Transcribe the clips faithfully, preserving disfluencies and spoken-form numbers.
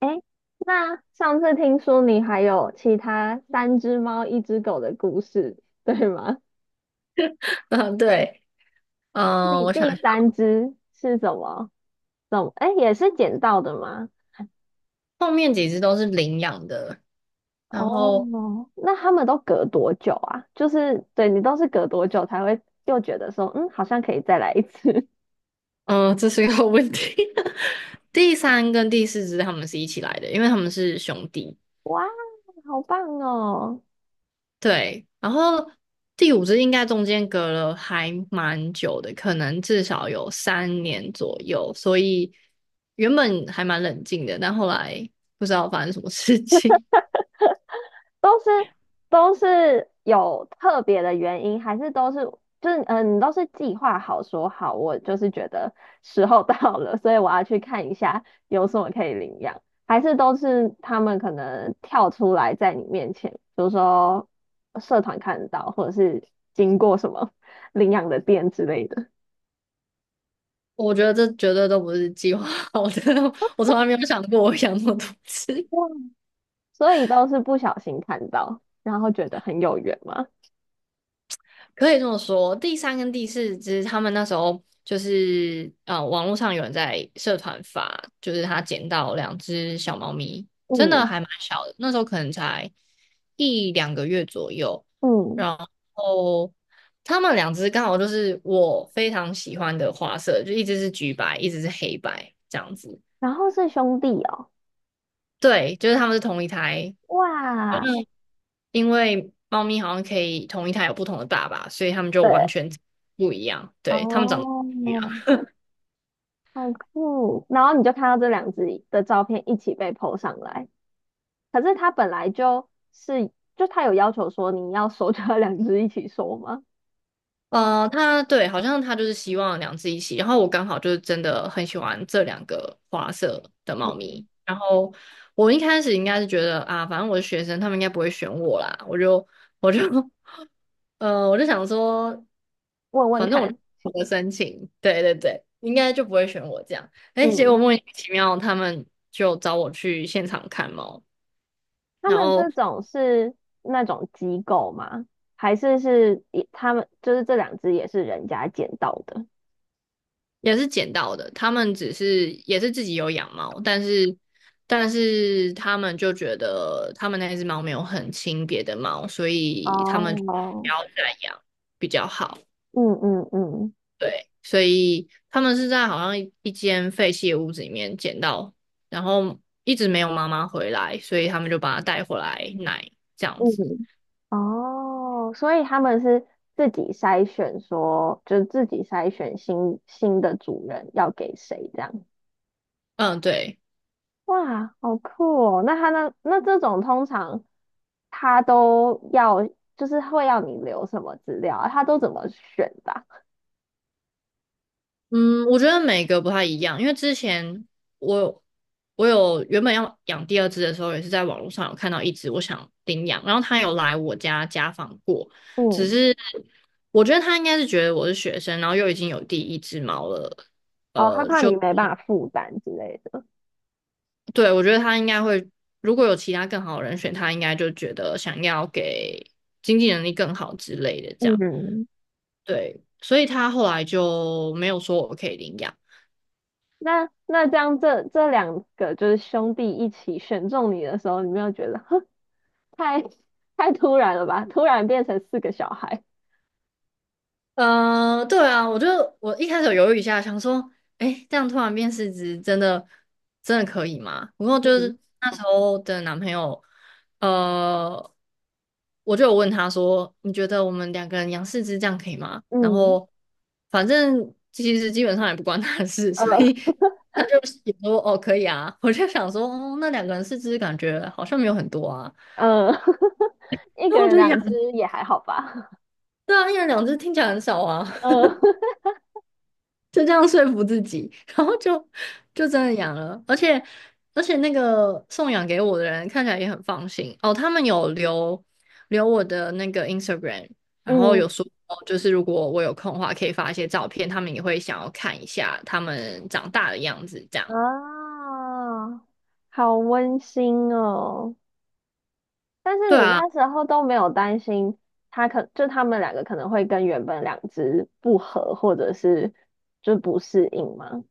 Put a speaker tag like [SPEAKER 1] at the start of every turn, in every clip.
[SPEAKER 1] 诶，那上次听说你还有其他三只猫、一只狗的故事，对吗？
[SPEAKER 2] 嗯，对，嗯，
[SPEAKER 1] 你
[SPEAKER 2] 我想
[SPEAKER 1] 第
[SPEAKER 2] 一下
[SPEAKER 1] 三只是什么？怎么？诶，也是捡到的吗？
[SPEAKER 2] 后面几只都是领养的，然后，
[SPEAKER 1] 哦，那他们都隔多久啊？就是对你都是隔多久才会又觉得说，嗯，好像可以再来一次？
[SPEAKER 2] 嗯，这是一个问题。第三跟第四只它们是一起来的，因为它们是兄弟。
[SPEAKER 1] 哇，好棒哦！
[SPEAKER 2] 对，然后第五只应该中间隔了还蛮久的，可能至少有三年左右，所以原本还蛮冷静的，但后来不知道发生什么事情。
[SPEAKER 1] 都是都是有特别的原因，还是都是就是嗯、呃你都是计划好说好，我就是觉得 时候到了，所以我要去看一下有什么可以领养，还是都是他们可能跳出来在你面前，比如说社团看得到，或者是经过什么 领养的店之类的，
[SPEAKER 2] 我觉得这绝对都不是计划好的，我从来没有想过我养那么多只。
[SPEAKER 1] 哇，所以都是不小心看到，然后觉得很有缘嘛。
[SPEAKER 2] 可以这么说，第三跟第四只，他们那时候就是呃，网络上有人在社团发，就是他捡到两只小猫咪，真的
[SPEAKER 1] 嗯
[SPEAKER 2] 还蛮小的，那时候可能才一两个月左右。
[SPEAKER 1] 嗯，
[SPEAKER 2] 然后他们两只刚好就是我非常喜欢的花色，就一只是橘白，一只是黑白这样子。
[SPEAKER 1] 然后是兄弟哦，
[SPEAKER 2] 对，就是他们是同一台，好
[SPEAKER 1] 哇。
[SPEAKER 2] 像因为猫咪好像可以同一胎有不同的爸爸，所以它们就完
[SPEAKER 1] 对，
[SPEAKER 2] 全不一样。对，它们长得
[SPEAKER 1] 哦，
[SPEAKER 2] 不一样。
[SPEAKER 1] 好酷！然后你就看到这两只的照片一起被 po 上来，可是他本来就是，就他有要求说你要收，就要两只一起收吗？
[SPEAKER 2] 呃，它对，好像它就是希望两只一起。然后我刚好就是真的很喜欢这两个花色的猫咪。
[SPEAKER 1] 嗯，
[SPEAKER 2] 然后我一开始应该是觉得啊，反正我是学生，他们应该不会选我啦。我就我就 呃，我就想说，
[SPEAKER 1] 问问
[SPEAKER 2] 反正我就
[SPEAKER 1] 看，
[SPEAKER 2] 我的申请，对对对，应该就不会选我这样。哎，结果
[SPEAKER 1] 嗯，
[SPEAKER 2] 莫名其妙，他们就找我去现场看猫。
[SPEAKER 1] 他
[SPEAKER 2] 然
[SPEAKER 1] 们这
[SPEAKER 2] 后
[SPEAKER 1] 种是那种机构吗？还是是一他们就是这两只也是人家捡到的？
[SPEAKER 2] 也是捡到的。他们只是也是自己有养猫，但是但是他们就觉得他们那只猫没有很亲别的猫，所以他
[SPEAKER 1] 哦，
[SPEAKER 2] 们就不要再养比较好。
[SPEAKER 1] 嗯嗯嗯。
[SPEAKER 2] 对，所以他们是在好像一一间废弃的屋子里面捡到，然后一直没有妈妈回来，所以他们就把它带回来奶这样子。
[SPEAKER 1] 嗯，哦，所以他们是自己筛选说，就是自己筛选新新的主人要给谁这样。
[SPEAKER 2] 嗯，对。
[SPEAKER 1] 哇，好酷哦！那他那那这种通常他都要，就是会要你留什么资料啊？他都怎么选的啊
[SPEAKER 2] 嗯，我觉得每个不太一样，因为之前我我有原本要养第二只的时候，也是在网络上有看到一只我想领养，然后它有来我家家访过，只
[SPEAKER 1] 嗯，
[SPEAKER 2] 是我觉得它应该是觉得我是学生，然后又已经有第一只猫了，
[SPEAKER 1] 哦，他
[SPEAKER 2] 呃，
[SPEAKER 1] 怕你
[SPEAKER 2] 就
[SPEAKER 1] 没办法负担之类的。
[SPEAKER 2] 对我觉得它应该会，如果有其他更好的人选，它应该就觉得想要给经济能力更好之类的这样，
[SPEAKER 1] 嗯，
[SPEAKER 2] 对，所以他后来就没有说我可以领养。
[SPEAKER 1] 那那这样这这两个就是兄弟一起选中你的时候，你没有觉得太太突然了吧？突然变成四个小孩，
[SPEAKER 2] 呃，对啊，我就我一开始有犹豫一下，想说，哎，这样突然变四只，真的真的可以吗？不过就
[SPEAKER 1] 嗯
[SPEAKER 2] 是那时候的男朋友，呃，我就有问他说，你觉得我们两个人养四只这样可以吗？然
[SPEAKER 1] 嗯，
[SPEAKER 2] 后反正其实基本上也不关他的事，
[SPEAKER 1] 呃
[SPEAKER 2] 所以他就也说哦可以啊。我就想说，哦，那两个人四只感觉好像没有很多啊，
[SPEAKER 1] 呃，一
[SPEAKER 2] 然
[SPEAKER 1] 个
[SPEAKER 2] 后我
[SPEAKER 1] 人
[SPEAKER 2] 就养，
[SPEAKER 1] 两只也还好吧？
[SPEAKER 2] 对啊，一人两只听起来很少啊。
[SPEAKER 1] 呃
[SPEAKER 2] 就这样说服自己，然后就就真的养了，而且而且那个送养给我的人看起来也很放心哦，他们有留留我的那个 Instagram，然后
[SPEAKER 1] 嗯
[SPEAKER 2] 有说哦就是如果我有空的话，可以发一些照片，他们也会想要看一下他们长大的样子，这样。
[SPEAKER 1] 啊，好温馨哦。但是
[SPEAKER 2] 对
[SPEAKER 1] 你
[SPEAKER 2] 啊，
[SPEAKER 1] 那时候都没有担心他可就他们两个可能会跟原本两只不合，或者是就不适应吗？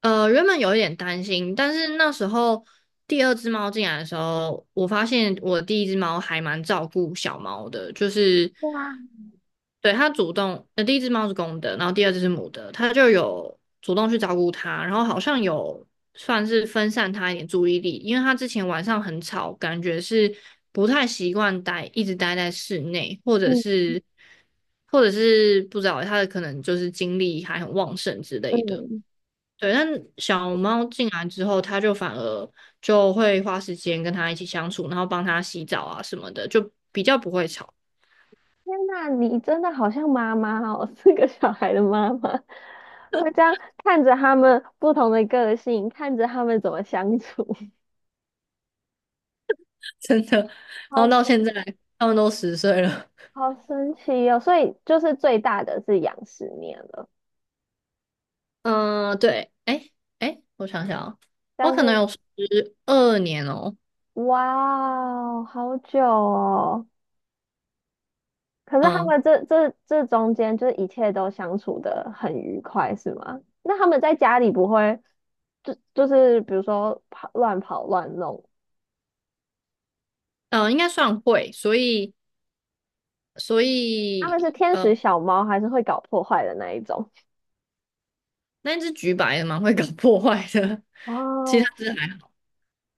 [SPEAKER 2] 呃，原本有一点担心，但是那时候第二只猫进来的时候，我发现我第一只猫还蛮照顾小猫的，就是
[SPEAKER 1] 对哇，
[SPEAKER 2] 对它主动，呃，第一只猫是公的，然后第二只是母的，它就有主动去照顾它，然后好像有算是分散它一点注意力，因为它之前晚上很吵，感觉是不太习惯待，一直待在室内，或者
[SPEAKER 1] 嗯
[SPEAKER 2] 是或者是不知道它的可能就是精力还很旺盛之类的。
[SPEAKER 1] 嗯，
[SPEAKER 2] 对，但小猫进来之后，它就反而就会花时间跟它一起相处，然后帮它洗澡啊什么的，就比较不会吵，
[SPEAKER 1] 天呐，你真的好像妈妈哦，是个小孩的妈妈，会这样看着他们不同的个性，看着他们怎么相处，
[SPEAKER 2] 真的。然
[SPEAKER 1] 好
[SPEAKER 2] 后到现
[SPEAKER 1] 神，
[SPEAKER 2] 在，它们都十岁了。
[SPEAKER 1] 好神奇哦！所以就是最大的是养十年了，
[SPEAKER 2] 嗯，对，哎哎，我想想哦，我
[SPEAKER 1] 但
[SPEAKER 2] 可能
[SPEAKER 1] 是
[SPEAKER 2] 有十二年哦，
[SPEAKER 1] 哇哦，好久哦。可是他
[SPEAKER 2] 嗯
[SPEAKER 1] 们这这这中间，就是一切都相处的很愉快，是吗？那他们在家里不会就就是比如说跑乱跑乱弄
[SPEAKER 2] 嗯，呃应该算会，所以所
[SPEAKER 1] 他们是
[SPEAKER 2] 以
[SPEAKER 1] 天
[SPEAKER 2] 呃，
[SPEAKER 1] 使小猫，还是会搞破坏的那一种？
[SPEAKER 2] 那只橘白的蛮会搞破坏的，其
[SPEAKER 1] 哦，
[SPEAKER 2] 他只还好。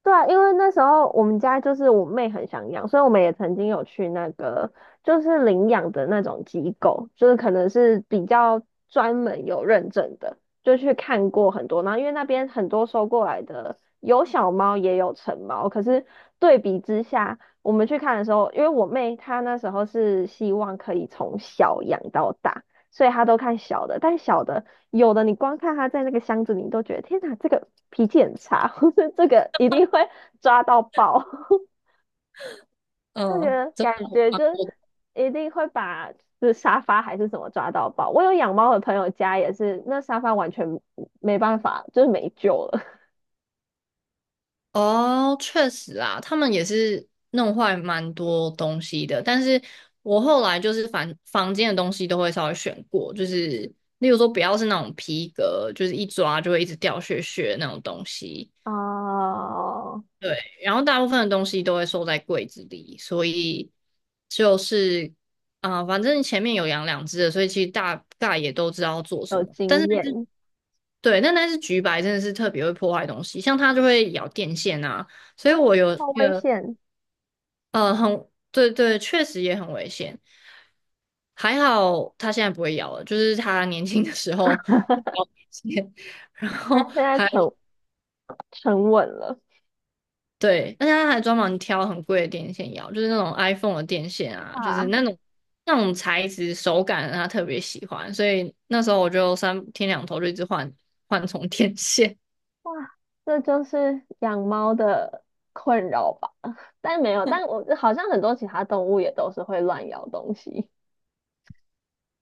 [SPEAKER 1] 对啊，因为那时候我们家就是我妹很想养，所以我们也曾经有去那个就是领养的那种机构，就是可能是比较专门有认证的，就去看过很多。然后因为那边很多收过来的有小猫也有成猫，可是对比之下，我们去看的时候，因为我妹她那时候是希望可以从小养到大，所以她都看小的，但小的有的你光看他在那个箱子里，你都觉得天哪，这个脾气很差，或者这个一定会 抓到爆，就觉
[SPEAKER 2] 嗯，
[SPEAKER 1] 得感觉
[SPEAKER 2] 蛮
[SPEAKER 1] 就是
[SPEAKER 2] 多
[SPEAKER 1] 一定会把这沙发还是什么抓到爆。我有养猫的朋友家也是，那沙发完全没办法，就是没救了。
[SPEAKER 2] 哦，确实啊，他们也是弄坏蛮多东西的。但是我后来就是房房间的东西都会稍微选过，就是例如说不要是那种皮革，就是一抓就会一直掉屑屑的那种东西。
[SPEAKER 1] 哦，
[SPEAKER 2] 对，然后大部分的东西都会收在柜子里，所以就是啊、呃反正前面有养两只的，所以其实大概也都知道要做什
[SPEAKER 1] 有
[SPEAKER 2] 么。但是
[SPEAKER 1] 经验，
[SPEAKER 2] 对，但那是橘白真的是特别会破坏东西，像它就会咬电线啊。所以
[SPEAKER 1] 它
[SPEAKER 2] 我有
[SPEAKER 1] 好
[SPEAKER 2] 那
[SPEAKER 1] 危
[SPEAKER 2] 个
[SPEAKER 1] 险，
[SPEAKER 2] 呃，很，对对，确实也很危险。还好他现在不会咬了，就是他年轻的时候 咬电线，然
[SPEAKER 1] 它
[SPEAKER 2] 后
[SPEAKER 1] 现在
[SPEAKER 2] 还
[SPEAKER 1] 沉沉稳了，
[SPEAKER 2] 对，而且它还专门挑很贵的电线咬，就是那种 iPhone 的电线啊，就是那
[SPEAKER 1] 哇。
[SPEAKER 2] 种那种材质手感他特别喜欢，所以那时候我就三天两头就一直换换充电线。
[SPEAKER 1] 哇，这就是养猫的困扰吧？但没有，但我好像很多其他动物也都是会乱咬东西。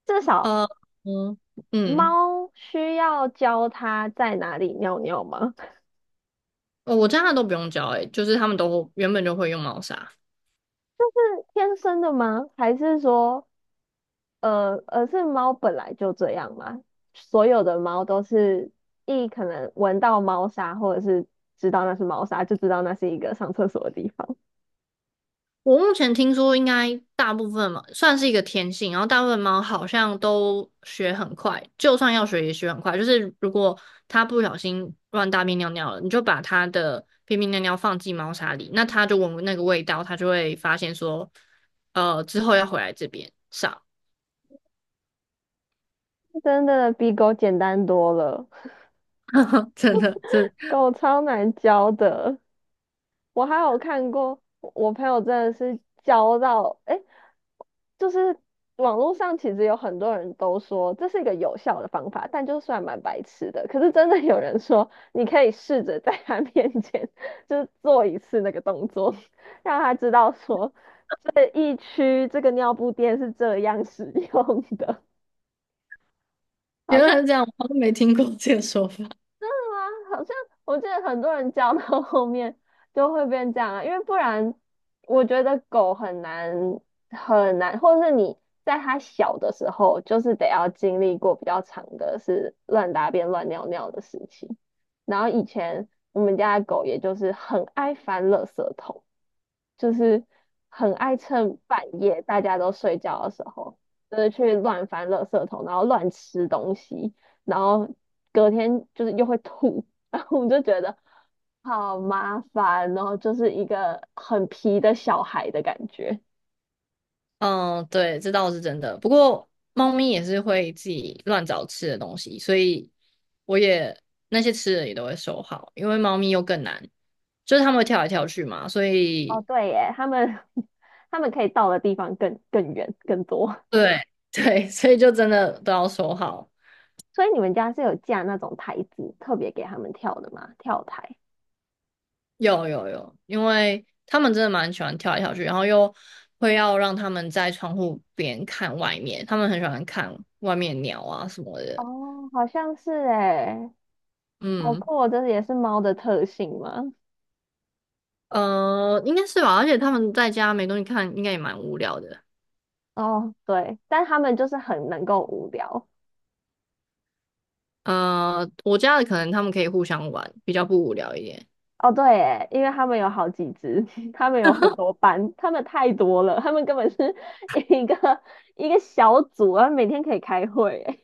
[SPEAKER 1] 至少
[SPEAKER 2] 呃嗯嗯，
[SPEAKER 1] 猫需要教它在哪里尿尿吗？
[SPEAKER 2] 哦我家的都不用教诶、就是他们都原本就会用猫砂。
[SPEAKER 1] 天生的吗？还是说，呃，而是猫本来就这样吗？所有的猫都是一可能闻到猫砂，或者是知道那是猫砂，就知道那是一个上厕所的地方。
[SPEAKER 2] 我目前听说，应该大部分嘛，算是一个天性，然后大部分猫好像都学很快，就算要学也学很快。就是如果它不小心乱大便尿尿了，你就把它的便便尿尿放进猫砂里，那它就闻那个味道，它就会发现说，呃，之后要回来这边上。
[SPEAKER 1] 真的比狗简单多了，
[SPEAKER 2] 真的，这
[SPEAKER 1] 狗超难教的。我还有看过，我朋友真的是教到，诶，就是网络上其实有很多人都说这是一个有效的方法，但就算蛮白痴的。可是真的有人说，你可以试着在他 面前就是做一次那个动作，让他知道说这一区这个尿布垫是这样使用的，好
[SPEAKER 2] 原
[SPEAKER 1] 像
[SPEAKER 2] 来是这样，我都没听过这个说法。
[SPEAKER 1] 真的吗？好像我记得很多人教到 后面就会变这样啊，因为不然我觉得狗很难很难，或者是你在它小的时候，就是得要经历过比较长的是乱大便乱尿尿的时期。然后以前我们家的狗也就是很爱翻垃圾桶，就是很爱趁半夜大家都睡觉的时候，就是去乱翻垃圾桶，然后乱吃东西，然后隔天就是又会吐，然后我们就觉得好麻烦哦，然后就是一个很皮的小孩的感觉。
[SPEAKER 2] 嗯，对，这倒是真的。不过猫咪也是会自己乱找吃的东西，所以我也那些吃的也都会收好，因为猫咪又更难，就是它们会跳来跳去嘛，所
[SPEAKER 1] 哦，
[SPEAKER 2] 以
[SPEAKER 1] 对耶，他们 他们可以到的地方更更远更多，
[SPEAKER 2] 对 对，所以就真的都要收好。
[SPEAKER 1] 所以你们家是有架那种台子，特别给他们跳的吗？跳台？
[SPEAKER 2] 有有有，因为他们真的蛮喜欢跳来跳去，然后又会要让它们在窗户边看外面，他们很喜欢看外面鸟啊什么的。
[SPEAKER 1] 哦，好像是诶，好
[SPEAKER 2] 嗯，
[SPEAKER 1] 酷哦，这也是猫的特性吗？
[SPEAKER 2] 呃，应该是吧，而且它们在家没东西看，应该也蛮无聊的。
[SPEAKER 1] 哦，对，但他们就是很能够无聊。
[SPEAKER 2] 呃，我家的可能他们可以互相玩，比较不无聊一点。
[SPEAKER 1] 哦，对耶，因为他们有好几只，他们有很多班，他们太多了，他们根本是 一个一个小组啊，每天可以开会耶。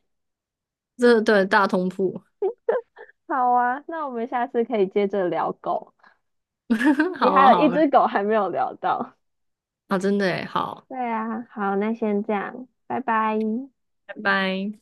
[SPEAKER 2] 这对大通铺，
[SPEAKER 1] 好啊，那我们下次可以接着聊狗。
[SPEAKER 2] 好
[SPEAKER 1] 你
[SPEAKER 2] 啊
[SPEAKER 1] 还有一
[SPEAKER 2] 好啊，
[SPEAKER 1] 只狗还没有聊到。
[SPEAKER 2] 啊真的耶好，
[SPEAKER 1] 对啊，好，那先这样，拜拜。
[SPEAKER 2] 拜拜。